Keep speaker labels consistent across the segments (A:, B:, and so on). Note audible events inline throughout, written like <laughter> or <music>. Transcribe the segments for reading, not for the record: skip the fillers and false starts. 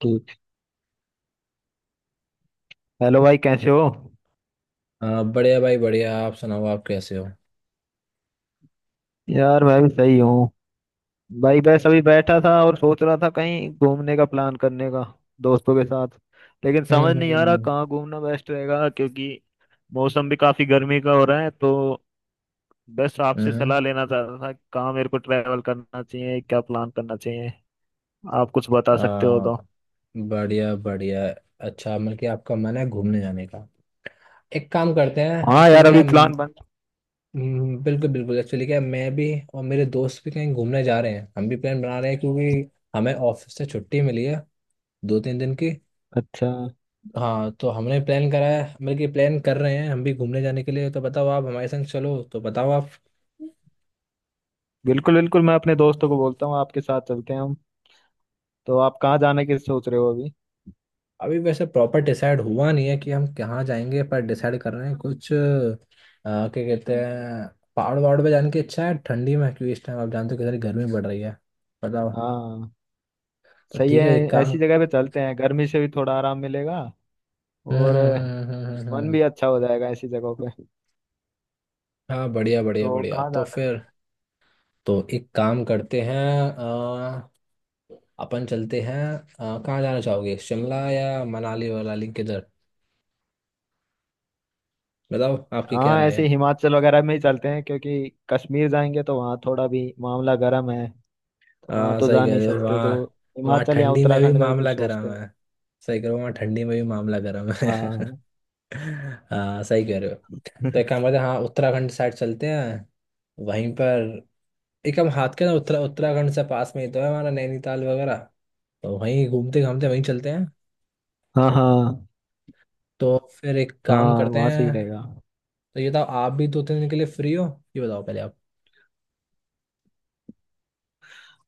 A: ठीक। हेलो भाई, कैसे हो?
B: बढ़िया भाई बढ़िया। आप सुनाओ, आप कैसे हो।
A: यार, मैं भी सही हूँ। भाई बस अभी बैठा था और सोच रहा था कहीं घूमने का प्लान करने का दोस्तों के साथ। लेकिन समझ
B: हम्म
A: नहीं आ रहा
B: हम्म,
A: कहाँ घूमना बेस्ट रहेगा क्योंकि मौसम भी काफी गर्मी का हो रहा है। तो बस आपसे
B: हम्म।
A: सलाह लेना चाहता था कहाँ मेरे को ट्रैवल करना चाहिए, क्या प्लान करना चाहिए। आप कुछ
B: अ,
A: बता सकते हो तो।
B: बढ़िया बढ़िया। अच्छा मतलब कि आपका मन है घूमने जाने का। एक काम करते हैं,
A: हाँ
B: एक्चुअली
A: यार,
B: क्या
A: अभी
B: है।
A: प्लान बन।
B: बिल्कुल बिल्कुल। एक्चुअली क्या है, मैं भी और मेरे दोस्त भी कहीं घूमने जा रहे हैं, हम भी प्लान बना रहे हैं क्योंकि हमें ऑफिस से छुट्टी मिली है 2-3 दिन की।
A: अच्छा।
B: हाँ तो हमने प्लान करा है मतलब कि प्लान कर रहे हैं हम भी घूमने जाने के लिए। तो बताओ आप हमारे संग चलो, तो बताओ आप।
A: बिल्कुल बिल्कुल मैं अपने दोस्तों को बोलता हूँ, आपके साथ चलते हैं हम। तो आप कहाँ जाने की सोच रहे हो अभी?
B: अभी वैसे प्रॉपर डिसाइड हुआ नहीं है कि हम कहाँ जाएंगे, पर डिसाइड कर रहे हैं कुछ क्या कहते हैं, पहाड़ वहाड़ पे जाने की इच्छा है ठंडी में, क्योंकि इस टाइम आप जानते हो कितनी गर्मी बढ़ रही है। बताओ।
A: हाँ।
B: तो
A: सही
B: ठीक
A: है,
B: है, एक काम।
A: ऐसी जगह पे चलते हैं, गर्मी से भी थोड़ा आराम मिलेगा और मन
B: हम्म।
A: भी अच्छा हो जाएगा ऐसी जगहों पे।
B: हाँ बढ़िया बढ़िया
A: तो
B: बढ़िया।
A: कहाँ
B: तो
A: जा सकते
B: फिर तो एक काम करते हैं, अ, अपन चलते हैं, कहाँ जाना चाहोगे शिमला या मनाली वनाली किधर। बताओ
A: हैं?
B: आपकी क्या
A: हाँ,
B: राय है।
A: ऐसे हिमाचल वगैरह में ही चलते हैं, क्योंकि कश्मीर जाएंगे तो वहाँ थोड़ा भी मामला गर्म है, तो वहाँ
B: हाँ
A: तो
B: सही
A: जा
B: कह
A: नहीं
B: रहे हो
A: सकते। तो
B: वहाँ वहाँ
A: हिमाचल या
B: ठंडी में भी
A: उत्तराखंड का ही
B: मामला
A: कुछ सोचते
B: गर्म
A: हैं।
B: है। सही कह रहे हो वहाँ ठंडी में भी मामला गर्म है <laughs>
A: हाँ।
B: हाँ सही कह रहे हो। तो एक काम
A: <laughs>
B: करते हैं, हाँ उत्तराखंड साइड चलते हैं वहीं पर। एक हम हाथ के ना उत्तराखंड से पास में ही तो है हमारा नैनीताल वगैरह। तो वहीं घूमते घामते वहीं चलते हैं।
A: हाँ, हाँ।
B: तो फिर एक काम
A: हाँ,
B: करते
A: वहाँ से ही
B: हैं।
A: रहेगा।
B: तो ये बताओ आप भी 2-3 दिन के लिए फ्री हो, ये बताओ पहले आप।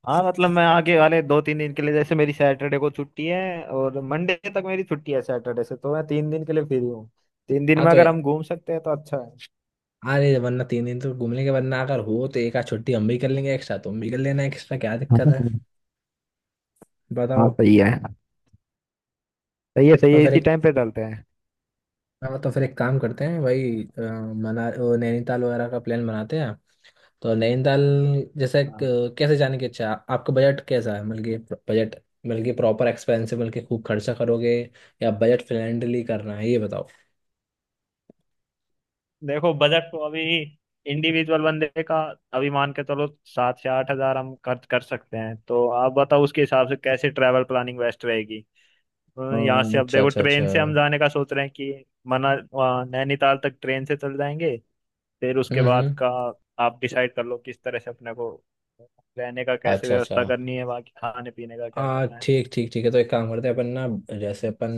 A: हाँ मतलब मैं आगे वाले 2 3 दिन के लिए, जैसे मेरी सैटरडे को छुट्टी है और मंडे तक मेरी छुट्टी है सैटरडे से, तो मैं 3 दिन के लिए फ्री हूँ। 3 दिन
B: हाँ
A: में
B: तो
A: अगर हम घूम सकते हैं तो अच्छा है।
B: अरे वरना 3 दिन तो घूम लेंगे, वरना अगर हो तो एक आध छुट्टी हम भी कर लेंगे एक्स्ट्रा, तुम भी कर लेना एक्स्ट्रा, क्या
A: हाँ,
B: दिक्कत
A: हाँ।
B: है।
A: हाँ,
B: बताओ।
A: सही है। सही है, सही
B: तो
A: है,
B: फिर
A: इसी
B: एक।
A: टाइम पे डालते हैं।
B: हाँ, तो फिर एक काम करते हैं भाई, मना वो नैनीताल वगैरह का प्लान बनाते हैं। तो नैनीताल जैसे
A: हाँ।
B: कैसे जाने की इच्छा है, आपका बजट कैसा है, मतलब कि बजट, मतलब कि प्रॉपर एक्सपेंसिव मतलब कि खूब खर्चा करोगे या बजट फ्रेंडली करना है, ये बताओ।
A: देखो, बजट तो अभी इंडिविजुअल बंदे का अभी मान के चलो, 7 से 8 हज़ार हम खर्च कर सकते हैं। तो आप बताओ उसके हिसाब से कैसे ट्रैवल प्लानिंग बेस्ट रहेगी। यहाँ से अब
B: अच्छा
A: देखो,
B: अच्छा अच्छा।
A: ट्रेन से हम जाने का सोच रहे हैं कि मना वहाँ नैनीताल तक ट्रेन से चल जाएंगे। फिर उसके
B: हम्म
A: बाद
B: हम्म,
A: का आप डिसाइड कर लो, किस तरह से अपने को रहने का कैसे
B: अच्छा अच्छा।
A: व्यवस्था करनी है, बाकी खाने पीने का क्या
B: हाँ
A: करना है।
B: ठीक ठीक ठीक है। तो एक काम करते हैं अपन ना, जैसे अपन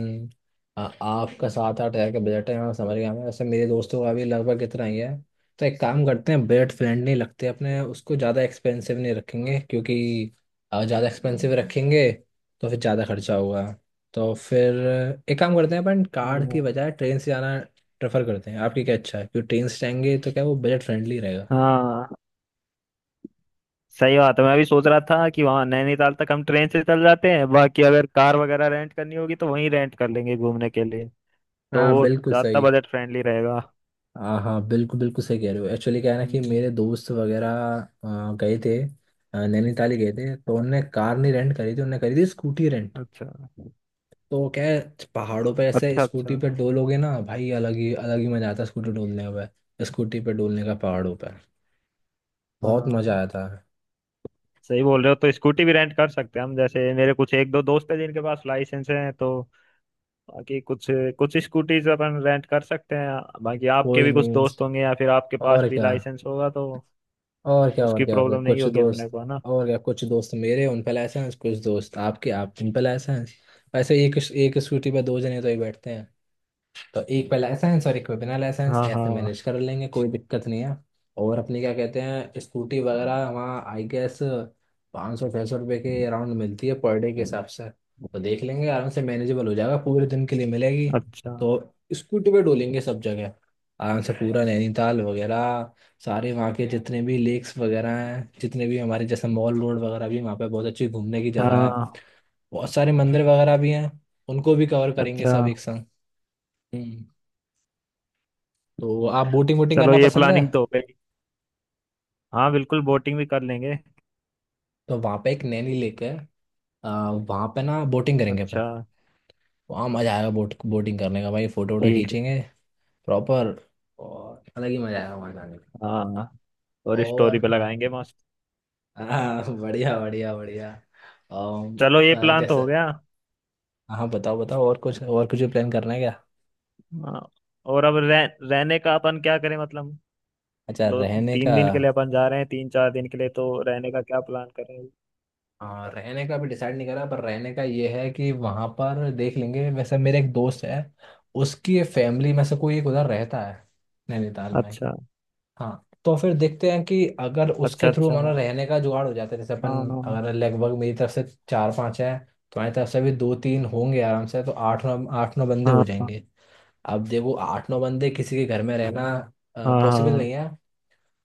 B: आपका 7-8 हज़ार का बजट है, हाँ समझ गया मैं, वैसे मेरे दोस्तों का भी लगभग इतना ही है। तो एक काम करते हैं बजट फ्रेंडली लगते हैं अपने, उसको ज़्यादा एक्सपेंसिव नहीं रखेंगे क्योंकि ज़्यादा एक्सपेंसिव रखेंगे तो फिर ज़्यादा खर्चा होगा। तो फिर एक काम करते हैं अपन कार की
A: हम्म।
B: बजाय ट्रेन से जाना प्रेफर करते हैं, आपकी क्या अच्छा है, क्योंकि ट्रेन से जाएंगे तो क्या वो बजट फ्रेंडली रहेगा।
A: हाँ सही बात है, मैं भी सोच रहा था कि वहाँ नैनीताल तक हम ट्रेन से चल जाते हैं, बाकी अगर कार वगैरह रेंट करनी होगी तो वहीं रेंट कर लेंगे घूमने के लिए, तो
B: हाँ
A: वो
B: बिल्कुल
A: ज्यादा
B: सही।
A: बजट फ्रेंडली रहेगा।
B: हाँ हाँ बिल्कुल बिल्कुल सही कह रहे हो, एक्चुअली क्या है ना कि मेरे
A: हम्म।
B: दोस्त वगैरह गए थे, नैनीताल ही गए थे, तो उनने कार नहीं रेंट करी थी, उनने करी थी स्कूटी रेंट।
A: अच्छा
B: तो क्या है पहाड़ों पे ऐसे
A: अच्छा
B: स्कूटी
A: अच्छा
B: पे डोलोगे ना भाई, अलग ही मजा आता है स्कूटी डोलने में। स्कूटी पे डोलने का पहाड़ों पे बहुत मजा
A: हाँ
B: आया था।
A: सही बोल रहे हो, तो स्कूटी भी रेंट कर सकते हैं हम। जैसे मेरे कुछ 1 2 दोस्त हैं जिनके पास लाइसेंस है, तो बाकी कुछ कुछ स्कूटीज अपन रेंट कर सकते हैं। बाकी आपके
B: कोई
A: भी कुछ
B: नहीं।
A: दोस्त होंगे या फिर आपके पास
B: और
A: भी
B: क्या
A: लाइसेंस होगा, तो उसकी
B: और क्या
A: प्रॉब्लम नहीं
B: कुछ
A: होगी अपने
B: दोस्त।
A: को, है ना।
B: और क्या कुछ दोस्त मेरे उन पे लाइसेंस, कुछ दोस्त आपके आप उन पे लाइसेंस, ऐसे एक एक स्कूटी पे दो जने तो ही बैठते हैं। तो एक पे लाइसेंस और एक पे बिना लाइसेंस
A: हाँ,
B: ऐसे
A: हाँ।
B: मैनेज कर लेंगे, कोई दिक्कत नहीं है। और अपनी क्या कहते हैं स्कूटी वगैरह वहाँ आई गेस 500-600 रुपये के अराउंड मिलती है पर डे के हिसाब से। तो देख लेंगे आराम से, मैनेजेबल हो जाएगा, पूरे दिन के लिए मिलेगी।
A: अच्छा।
B: तो स्कूटी पे डोलेंगे सब जगह आराम से, पूरा नैनीताल वगैरह, सारे वहाँ के जितने भी लेक्स वगैरह हैं, जितने भी हमारे जैसे मॉल रोड वगैरह भी वहाँ पे बहुत अच्छी घूमने की जगह है।
A: हाँ।
B: बहुत सारे मंदिर वगैरह भी हैं, उनको भी कवर करेंगे
A: अच्छा।
B: सब एक संग। हम्म। तो आप बोटिंग वोटिंग
A: चलो
B: करना
A: ये
B: पसंद है।
A: प्लानिंग तो हो गई। हाँ बिल्कुल, बोटिंग भी कर लेंगे।
B: तो वहाँ पे एक नैनी लेक है, वहाँ पे ना बोटिंग करेंगे अपन।
A: अच्छा।
B: वहाँ मज़ा आएगा बोटिंग करने का भाई, फोटो वोटो
A: ठीक है।
B: खींचेंगे प्रॉपर, और अलग ही मज़ा आएगा वहाँ जाने का।
A: हाँ, और स्टोरी
B: और
A: पे लगाएंगे मस्त।
B: बढ़िया बढ़िया बढ़िया। अम,
A: चलो ये प्लान तो
B: जैसे
A: हो गया।
B: हाँ बताओ बताओ, और कुछ प्लान करना है क्या।
A: हाँ, और अब रहने का अपन क्या करें मतलब।
B: अच्छा
A: दो
B: रहने का।
A: तीन दिन के लिए अपन जा रहे हैं, 3 4 दिन के लिए, तो रहने का क्या प्लान करें।
B: हाँ रहने का भी डिसाइड नहीं करा, पर रहने का ये है कि वहाँ पर देख लेंगे। वैसे मेरे एक दोस्त है, उसकी फैमिली में से कोई एक उधर रहता है नैनीताल में।
A: अच्छा
B: हाँ तो फिर देखते हैं कि अगर
A: अच्छा
B: उसके थ्रू
A: अच्छा
B: हमारा
A: हाँ
B: रहने का जुगाड़ हो जाता है, जैसे अपन
A: हाँ
B: अगर लगभग मेरी तरफ से 4-5 हैं तो हमारी तरफ से भी 2-3 होंगे आराम से, तो आठ नौ बंदे हो
A: हाँ
B: जाएंगे। अब देखो 8-9 बंदे किसी के घर में रहना
A: हाँ
B: पॉसिबल
A: हाँ
B: नहीं है।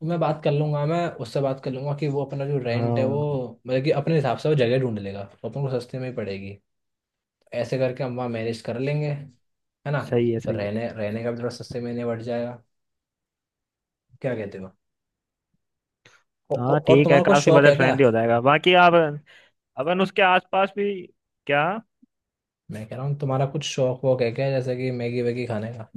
B: तो मैं उससे बात कर लूंगा कि वो अपना जो रेंट है वो
A: हाँ,
B: मतलब कि अपने हिसाब से वो जगह ढूंढ लेगा तो अपन को सस्ते में ही पड़ेगी। ऐसे करके हम वहाँ मैनेज कर लेंगे है ना।
A: सही है,
B: तो
A: सही है।
B: रहने रहने का भी थोड़ा सस्ते में निपट जाएगा। क्या कहते हो।
A: हाँ
B: और
A: ठीक है,
B: तुम्हारा कुछ
A: काफी
B: शौक है
A: बजट
B: क्या।
A: फ्रेंडली हो जाएगा। बाकी आप अपन उसके आसपास भी क्या।
B: मैं कह रहा हूँ तुम्हारा कुछ शौक वौक है क्या, जैसे कि मैगी वैगी खाने का।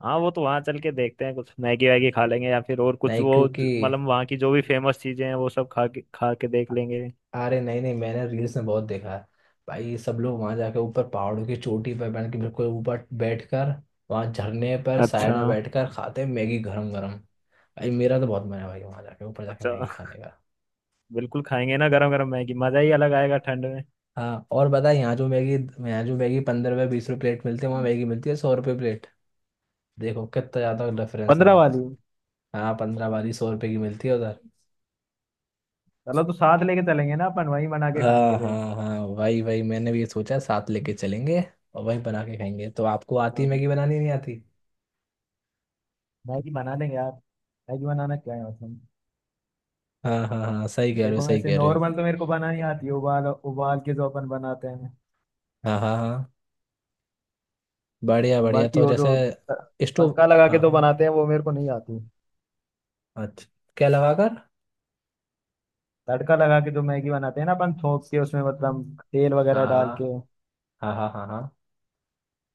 A: हाँ वो तो वहाँ चल के देखते हैं, कुछ मैगी वैगी खा लेंगे या फिर और कुछ
B: नहीं
A: वो
B: क्योंकि,
A: मतलब वहाँ की जो भी फेमस चीजें हैं वो सब खा के देख लेंगे।
B: अरे नहीं नहीं, मैंने रील्स में बहुत देखा है भाई, सब लोग वहां जाके ऊपर पहाड़ों की चोटी पर बन के बिल्कुल ऊपर बैठ कर वहाँ झरने पर साइड
A: अच्छा।
B: में बैठ कर खाते हैं मैगी गरम गरम। भाई मेरा तो बहुत मन है भाई वहाँ जाके ऊपर जाके
A: अच्छा।
B: मैगी खाने का।
A: <laughs> बिल्कुल खाएंगे ना, गरम गरम मैगी, मजा ही अलग आएगा ठंड में।
B: हाँ और बता यहाँ जो मैगी 15 रुपये 20 रुपये प्लेट मिलती है, वहाँ मैगी मिलती है 100 रुपये प्लेट। देखो कितना ज़्यादा डिफरेंस है
A: 15
B: वहाँ
A: वाली।
B: पर। हाँ 15 वाली 100 रुपये की मिलती है उधर।
A: चलो, तो साथ लेके चलेंगे ना अपन, वहीं बना के खाएंगे
B: हाँ
A: फिर।
B: हाँ हाँ, वही वही, मैंने भी ये सोचा साथ लेके चलेंगे और वही बना के खाएंगे। तो आपको आती
A: हाँ
B: मैगी बनानी नहीं आती।
A: मैगी बना लेंगे यार, मैगी बनाना क्या है मतलब।
B: हाँ हाँ हाँ सही कह रहे हो
A: देखो
B: सही
A: वैसे
B: कह रहे हो।
A: नॉर्मल तो मेरे को बनानी आती है, उबाल उबाल के जो अपन बनाते हैं।
B: हाँ हाँ हाँ बढ़िया बढ़िया।
A: बाकी
B: तो
A: वो जो
B: जैसे स्टोव,
A: तड़का लगा के
B: हाँ
A: जो
B: हाँ।
A: बनाते हैं वो मेरे को नहीं आती।
B: अच्छा, क्या लगा कर।
A: तड़का लगा के जो मैगी बनाते हैं ना अपन, थोक के उसमें, मतलब तेल वगैरह डाल
B: हाँ
A: के।
B: हाँ हाँ हाँ हाँ।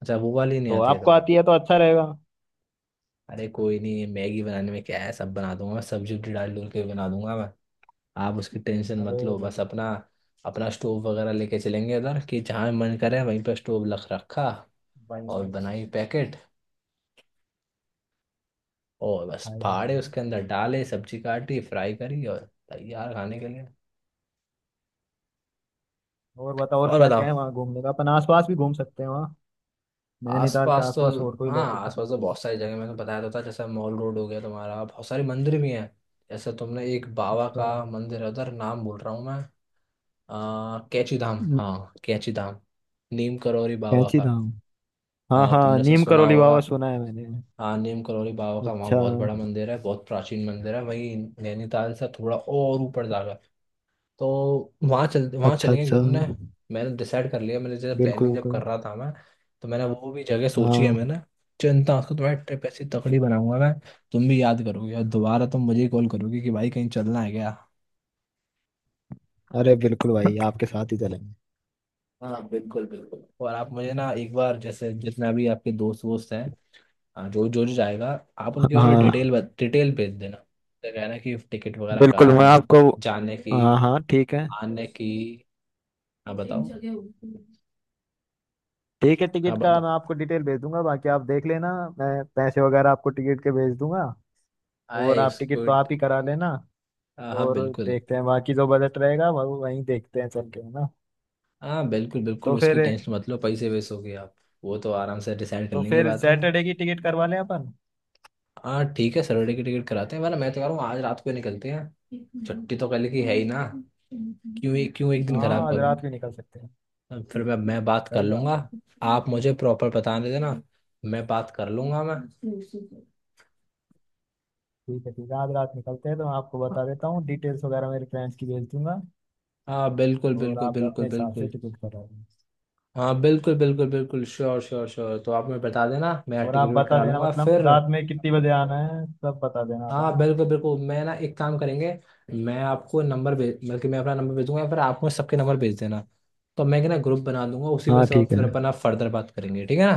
B: अच्छा वो वाली नहीं
A: तो
B: आती है
A: आपको
B: तुम्हें।
A: आती है तो अच्छा रहेगा।
B: अरे कोई नहीं, ये मैगी बनाने में क्या है, सब बना दूंगा मैं, सब्जी उब्जी डाल डूल के बना दूंगा मैं। आप उसकी टेंशन
A: अरे
B: मत लो, बस
A: बढ़िया।
B: अपना अपना स्टोव वगैरह लेके चलेंगे उधर, कि जहाँ मन करे वहीं पर स्टोव रख रखा
A: भाई
B: और
A: मैं।
B: बनाई पैकेट और बस
A: भाई बढ़िया।
B: फाड़े उसके अंदर डाले, सब्जी काटी, फ्राई करी और तैयार खाने के लिए।
A: और बताओ, और
B: और
A: क्या क्या है
B: बताओ
A: वहाँ घूमने का, अपन आसपास भी घूम सकते हैं वहाँ? नैनीताल के
B: आसपास तो,
A: आसपास और कोई
B: हाँ आसपास
A: लोकेशन?
B: तो बहुत सारी जगह, मैंने बताया तो था जैसे मॉल रोड हो गया तुम्हारा, बहुत सारे मंदिर भी हैं जैसे तुमने एक बाबा का मंदिर है उधर, नाम बोल रहा हूँ मैं कैची धाम, हाँ कैची धाम, नीम करौरी बाबा
A: कैंची
B: का।
A: धाम। हाँ
B: हाँ
A: हाँ,
B: तुमने सब
A: नीम
B: सुना
A: करोली
B: होगा।
A: बाबा सुना है मैंने।
B: हाँ नीम करौरी बाबा का वहाँ
A: अच्छा
B: बहुत बड़ा मंदिर है, बहुत प्राचीन मंदिर है वहीं नैनीताल से थोड़ा और ऊपर जाकर। तो वहाँ
A: अच्छा
B: चलेंगे
A: अच्छा।
B: घूमने। मैंने डिसाइड कर लिया, मैंने जैसे
A: बिल्कुल
B: प्लानिंग जब
A: बिल्कुल
B: कर रहा था मैं तो मैंने वो भी जगह सोची है
A: हाँ।
B: मैंने। चिंता उसको तुम्हारी, ट्रिप ऐसी तकड़ी बनाऊंगा मैं, तुम भी याद करोगे और दोबारा तुम मुझे कॉल करोगे कि भाई कहीं चलना है क्या।
A: अरे बिल्कुल भाई, आपके साथ ही चलेंगे।
B: हाँ बिल्कुल बिल्कुल। और आप मुझे ना एक बार, जैसे जितना भी आपके दोस्त वोस्त हैं, हाँ, जो जो जो जाएगा, आप उनके बारे में
A: हाँ
B: डिटेल भेज देना, तो कहना कि टिकट वगैरह
A: बिल्कुल, मैं
B: करानी
A: आपको।
B: जाने की
A: हाँ हाँ ठीक है।
B: आने की। हाँ बताओ
A: ठीक है,
B: हाँ
A: टिकट का
B: बताओ।
A: मैं आपको डिटेल भेज दूंगा, बाकी आप देख लेना। मैं पैसे वगैरह आपको टिकट के भेज दूंगा और
B: आए
A: आप टिकट
B: उसको,
A: तो आप ही करा लेना।
B: हाँ हाँ
A: और
B: बिल्कुल।
A: देखते हैं बाकी जो बजट रहेगा वो वहीं देखते हैं चल के, है ना।
B: हाँ बिल्कुल बिल्कुल
A: तो
B: उसकी
A: फिर।
B: टेंशन मत लो, पैसे वैसे हो गए आप वो तो आराम से डिसाइड कर
A: तो
B: लेंगे
A: फिर
B: बाद में।
A: सैटरडे की टिकट करवा लें अपन।
B: हाँ ठीक है सैटरडे की टिकट कराते हैं, वरना मैं तो कह रहा हूँ आज रात को ही निकलते हैं, छुट्टी तो कल की है ही ना। क्यों एक दिन खराब
A: हाँ, आज
B: करूँ।
A: रात भी निकल सकते हैं।
B: अब फिर मैं बात कर
A: सही
B: लूँगा।
A: बात है।
B: आप मुझे प्रॉपर बता दे देना, मैं बात कर लूँगा मैं।
A: ठीक है ठीक है, आज रात निकलते हैं तो मैं आपको बता देता हूँ, डिटेल्स वगैरह मेरे फ्रेंड्स की भेज दूंगा।
B: हाँ बिल्कुल
A: और
B: बिल्कुल
A: आप
B: बिल्कुल
A: अपने हिसाब से
B: बिल्कुल।
A: टिकट करा लेना।
B: हाँ बिल्कुल बिल्कुल बिल्कुल श्योर श्योर श्योर। तो आप मुझे बता देना मैं
A: और आप
B: टिकट विकट
A: बता
B: करा
A: देना
B: लूँगा
A: मतलब
B: फिर।
A: रात में कितनी बजे आना है सब बता देना आप, है
B: हाँ
A: ना।
B: बिल्कुल बिल्कुल, मैं ना एक काम करेंगे। मैं आपको नंबर भेज बल्कि मैं अपना नंबर भेज दूंगा या फिर आप मुझे सबके नंबर भेज देना, तो मैं क्या ना ग्रुप बना दूंगा उसी पे,
A: हाँ
B: सब
A: ठीक है।
B: फिर अपना फर्दर बात करेंगे, ठीक है ना।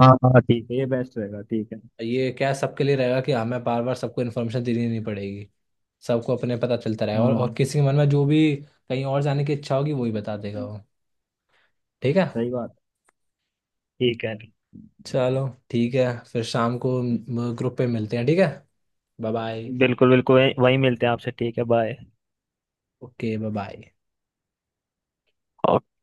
A: हाँ हाँ ठीक है, ये बेस्ट रहेगा, ठीक है।
B: ये क्या है, सबके लिए रहेगा कि हमें बार बार सबको इन्फॉर्मेशन देनी नहीं पड़ेगी, सबको अपने पता चलता रहेगा, और,
A: हाँ
B: और किसी के मन में जो भी कहीं और जाने की इच्छा होगी वही बता देगा वो। ठीक है।
A: सही बात। ठीक है।
B: चलो ठीक है। फिर शाम को ग्रुप पे मिलते हैं ठीक है। Bye bye.
A: बिल्कुल बिल्कुल, वही वही मिलते हैं आपसे, ठीक है बाय।
B: Okay bye bye.